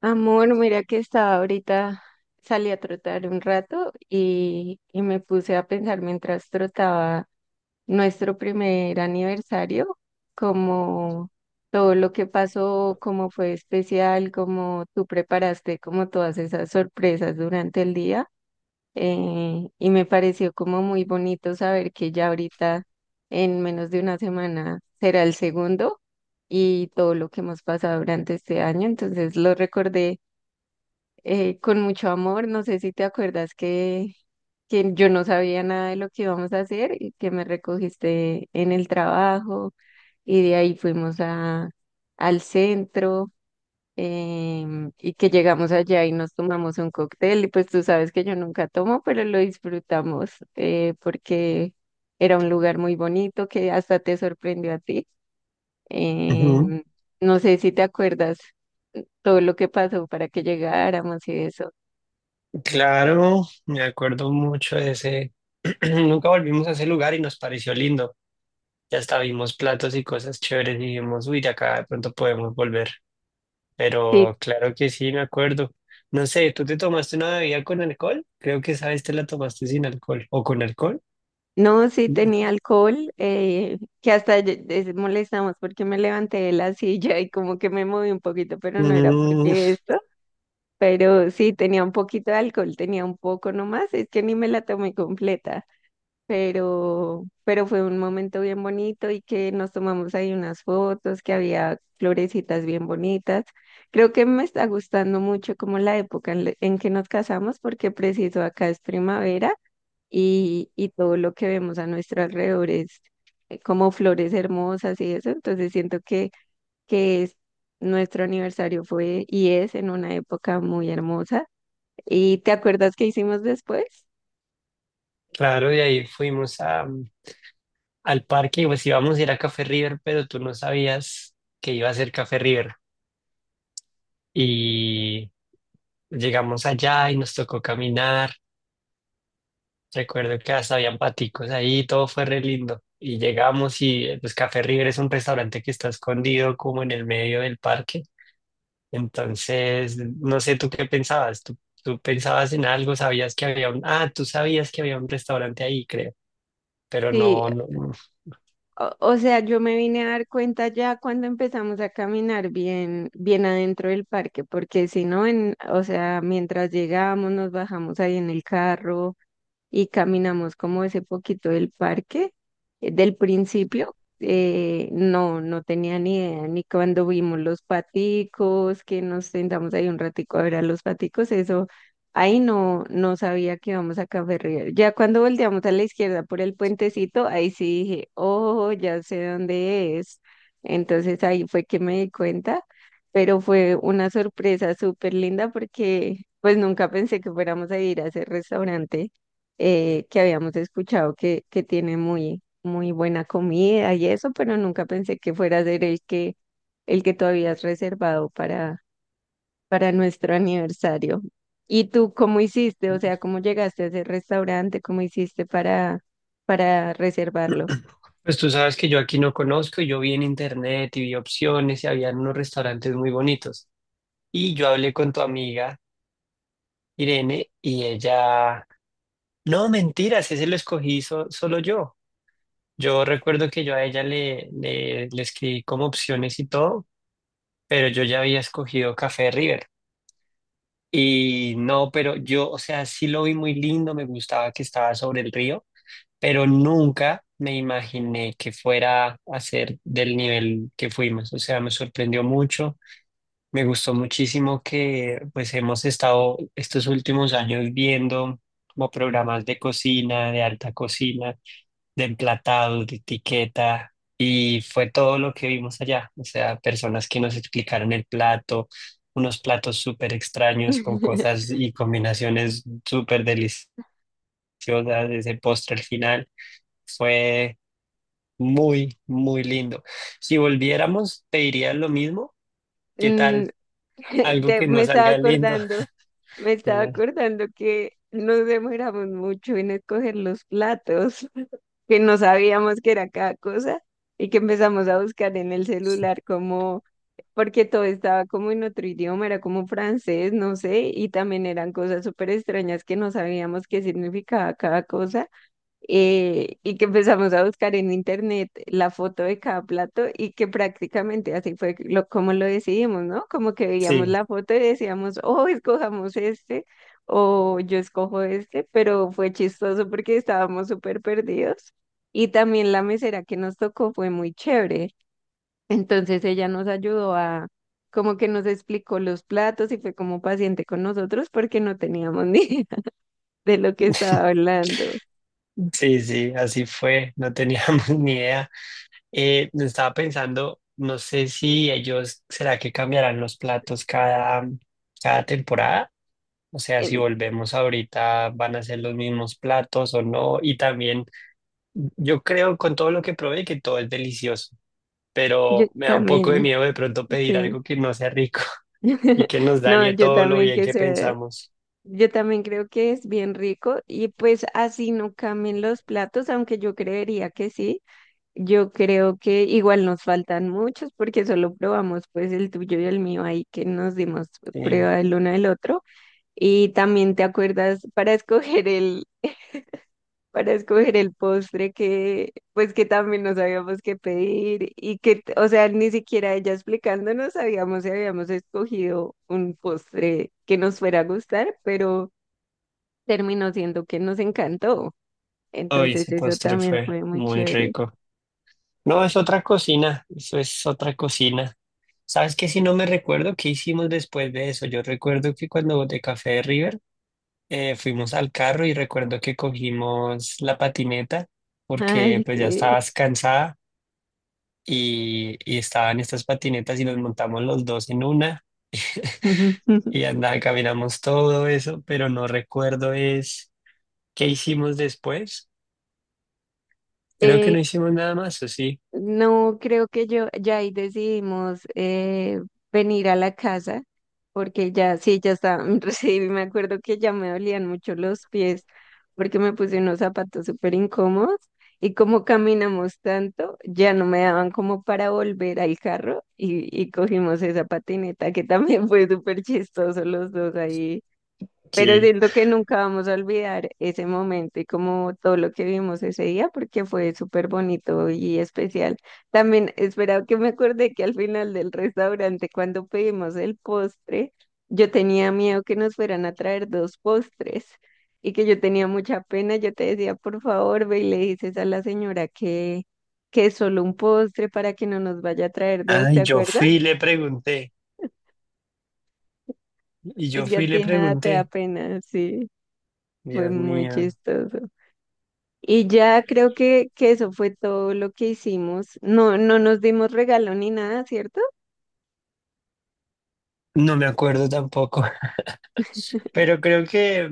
Amor, mira que estaba ahorita, salí a trotar un rato y me puse a pensar mientras trotaba nuestro primer aniversario, como todo lo que pasó, cómo fue especial, cómo tú preparaste como todas esas sorpresas durante el día. Y me pareció como muy bonito saber que ya ahorita, en menos de una semana, será el segundo y todo lo que hemos pasado durante este año. Entonces lo recordé con mucho amor. No sé si te acuerdas que yo no sabía nada de lo que íbamos a hacer y que me recogiste en el trabajo y de ahí fuimos al centro, y que llegamos allá y nos tomamos un cóctel. Y pues tú sabes que yo nunca tomo, pero lo disfrutamos, porque era un lugar muy bonito que hasta te sorprendió a ti. Ujú. Em, no sé si te acuerdas todo lo que pasó para que llegáramos y eso. Claro, me acuerdo mucho de ese. Nunca volvimos a ese lugar y nos pareció lindo. Ya hasta vimos platos y cosas chéveres y dijimos, uy, de acá de pronto podemos volver. Sí. Pero claro que sí, me acuerdo. No sé, ¿tú te tomaste una bebida con alcohol? Creo que esa vez te la tomaste sin alcohol. ¿O con alcohol? No, sí tenía alcohol, que hasta molestamos porque me levanté de la silla y como que me moví un poquito, pero no era Mm, porque esto, pero sí tenía un poquito de alcohol, tenía un poco nomás, es que ni me la tomé completa, pero fue un momento bien bonito y que nos tomamos ahí unas fotos, que había florecitas bien bonitas. Creo que me está gustando mucho como la época en que nos casamos porque preciso acá es primavera y todo lo que vemos a nuestro alrededor es, como flores hermosas y eso. Entonces siento que es, nuestro aniversario fue y es en una época muy hermosa. ¿Y te acuerdas qué hicimos después? claro, y ahí fuimos a, al parque y pues íbamos a ir a Café River, pero tú no sabías que iba a ser Café River. Y llegamos allá y nos tocó caminar. Recuerdo que hasta habían paticos ahí, todo fue re lindo. Y llegamos y pues Café River es un restaurante que está escondido como en el medio del parque. Entonces, no sé tú qué pensabas. Tú pensabas en algo, sabías que había un... Ah, tú sabías que había un restaurante ahí, creo. Pero Sí, no, no, no. o sea, yo me vine a dar cuenta ya cuando empezamos a caminar bien, bien adentro del parque, porque si no, o sea, mientras llegábamos, nos bajamos ahí en el carro y caminamos como ese poquito del parque. Del principio, no, no tenía ni idea, ni cuando vimos los paticos, que nos sentamos ahí un ratico a ver a los paticos, eso, ahí no, no sabía que íbamos a Café River. Ya cuando volteamos a la izquierda por el puentecito, ahí sí dije, oh, ya sé dónde es. Entonces ahí fue que me di cuenta, pero fue una sorpresa súper linda porque pues nunca pensé que fuéramos a ir a ese restaurante, que habíamos escuchado que tiene muy, muy buena comida y eso, pero nunca pensé que fuera a ser el que tú habías reservado para, nuestro aniversario. ¿Y tú cómo hiciste? O sea, ¿cómo llegaste a ese restaurante? ¿Cómo hiciste para reservarlo? Pues tú sabes que yo aquí no conozco. Y yo vi en internet y vi opciones y habían unos restaurantes muy bonitos. Y yo hablé con tu amiga Irene y ella... No, mentiras, ese solo yo. Yo recuerdo que yo a ella le escribí como opciones y todo, pero yo ya había escogido Café River. Y no, pero yo, o sea, sí lo vi muy lindo, me gustaba que estaba sobre el río, pero nunca me imaginé que fuera a ser del nivel que fuimos. O sea, me sorprendió mucho, me gustó muchísimo que pues hemos estado estos últimos años viendo como programas de cocina, de alta cocina, de emplatado, de etiqueta, y fue todo lo que vimos allá. O sea, personas que nos explicaron el plato, unos platos súper extraños con cosas y combinaciones súper deliciosas, ese postre al final fue muy, muy lindo. Si volviéramos, te diría lo mismo. ¿Qué tal? Mm. Algo te- que me no estaba salga lindo. acordando, me estaba Dime. acordando que nos demoramos mucho en escoger los platos. Que no sabíamos que era cada cosa y que empezamos a buscar en el celular como, porque todo estaba como en otro idioma, era como francés, no sé, y también eran cosas súper extrañas que no sabíamos qué significaba cada cosa, y que empezamos a buscar en internet la foto de cada plato y que prácticamente así fue lo, como lo decidimos, ¿no? Como que veíamos Sí, la foto y decíamos, oh, escojamos este o yo escojo este, pero fue chistoso porque estábamos súper perdidos. Y también la mesera que nos tocó fue muy chévere. Entonces ella nos ayudó a, como que nos explicó los platos y fue como paciente con nosotros porque no teníamos ni idea de lo que estaba hablando. sí, sí, así fue. No teníamos ni idea. Estaba pensando, no sé si ellos, ¿será que cambiarán los platos cada temporada? O sea, si Em, volvemos ahorita, ¿van a ser los mismos platos o no? Y también, yo creo con todo lo que probé que todo es delicioso, Yo pero me da un poco de también. miedo de pronto pedir Sí. algo que no sea rico. Y que nos No, dañe yo todo lo también bien que que sé, pensamos. yo también creo que es bien rico y pues así no cambien los platos, aunque yo creería que sí. Yo creo que igual nos faltan muchos porque solo probamos pues el tuyo y el mío ahí que nos dimos Sí. prueba el uno del otro y también te acuerdas para escoger el para escoger el postre que, pues que también no sabíamos qué pedir y que, o sea, ni siquiera ella explicándonos sabíamos si habíamos escogido un postre que nos fuera a gustar, pero terminó siendo que nos encantó. Hoy Entonces ese eso postre también fue fue muy muy chévere. rico. No, es otra cocina, eso es otra cocina. ¿Sabes qué? Si no me recuerdo qué hicimos después de eso. Yo recuerdo que cuando de Café de River, fuimos al carro y recuerdo que cogimos la patineta porque Ay, pues ya sí. estabas cansada y estaban estas patinetas y nos montamos los dos en una y andaba, caminamos todo eso, pero no recuerdo es qué hicimos después. Creo que no Eh, hicimos nada más, ¿o sí? No, creo que yo ya ahí decidimos, venir a la casa porque ya sí, ya estaba, recibí, me acuerdo que ya me dolían mucho los pies porque me puse unos zapatos súper incómodos y como caminamos tanto, ya no me daban como para volver al carro y cogimos esa patineta que también fue súper chistoso los dos ahí, pero Sí. siento que nunca vamos a olvidar ese momento y como todo lo que vimos ese día, porque fue súper bonito y especial. También esperaba que me acordé que al final del restaurante, cuando pedimos el postre, yo tenía miedo que nos fueran a traer dos postres y que yo tenía mucha pena. Yo te decía, por favor, ve y le dices a la señora que es solo un postre para que no nos vaya a traer dos, ¿te Ay, yo acuerdas? fui y le pregunté. Y yo Es que fui a y le ti nada te da pregunté, pena, sí, fue Dios muy mío, chistoso. Y ya creo que eso fue todo lo que hicimos. No, no nos dimos regalo ni nada, ¿cierto? no me acuerdo tampoco. Pero creo que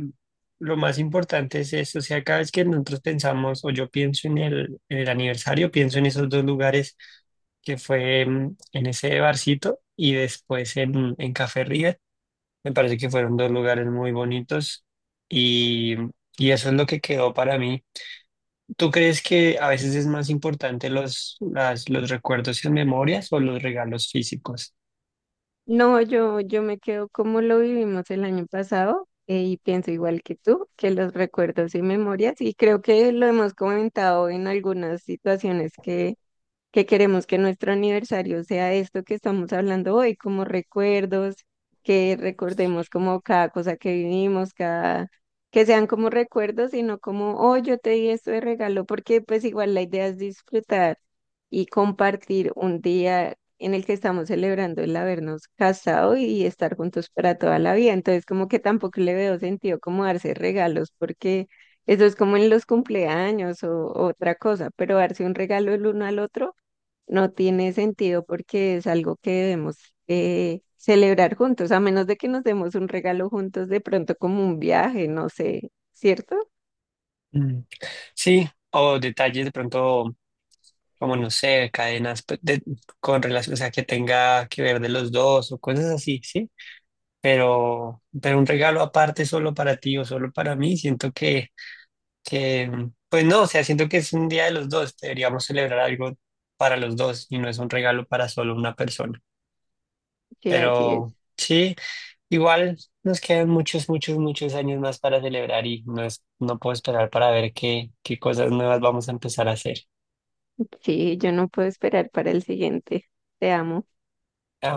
lo más importante es eso, o sea, cada vez que nosotros pensamos o yo pienso en el aniversario, pienso en esos dos lugares que fue, en ese barcito y después en Café River, me parece que fueron dos lugares muy bonitos y, y eso es lo que quedó para mí. ¿Tú crees que a veces es más importante los, las- los recuerdos y memorias o los regalos físicos? No, yo me quedo como lo vivimos el año pasado, y pienso igual que tú, que los recuerdos y memorias, y creo que lo hemos comentado en algunas situaciones que queremos que nuestro aniversario sea esto que estamos hablando hoy, como recuerdos, que recordemos como cada cosa que vivimos, cada, que sean como recuerdos y no como, oh, yo te di esto de regalo, porque pues igual la idea es disfrutar y compartir un día en el que estamos celebrando el habernos casado y estar juntos para toda la vida. Entonces, como que tampoco le veo sentido como darse regalos, porque eso es como en los cumpleaños o otra cosa, pero darse un regalo el uno al otro no tiene sentido porque es algo que debemos, celebrar juntos, a menos de que nos demos un regalo juntos de pronto como un viaje, no sé, ¿cierto? Mm, Sí, o detalles de pronto, como no sé, cadenas pues, de- con relación, o sea, que tenga que ver de los dos o cosas así, ¿sí? Pero un regalo aparte solo para ti o solo para mí, siento que, pues no, o sea, siento que es un día de los dos, deberíamos celebrar algo para los dos y no es un regalo para solo una persona. Sí, así es. Pero sí, igual nos quedan muchos, muchos, muchos años más para celebrar y no es, no puedo esperar para ver qué, qué cosas nuevas vamos a empezar a hacer. Sí, yo no puedo esperar para el siguiente. Te amo. I'm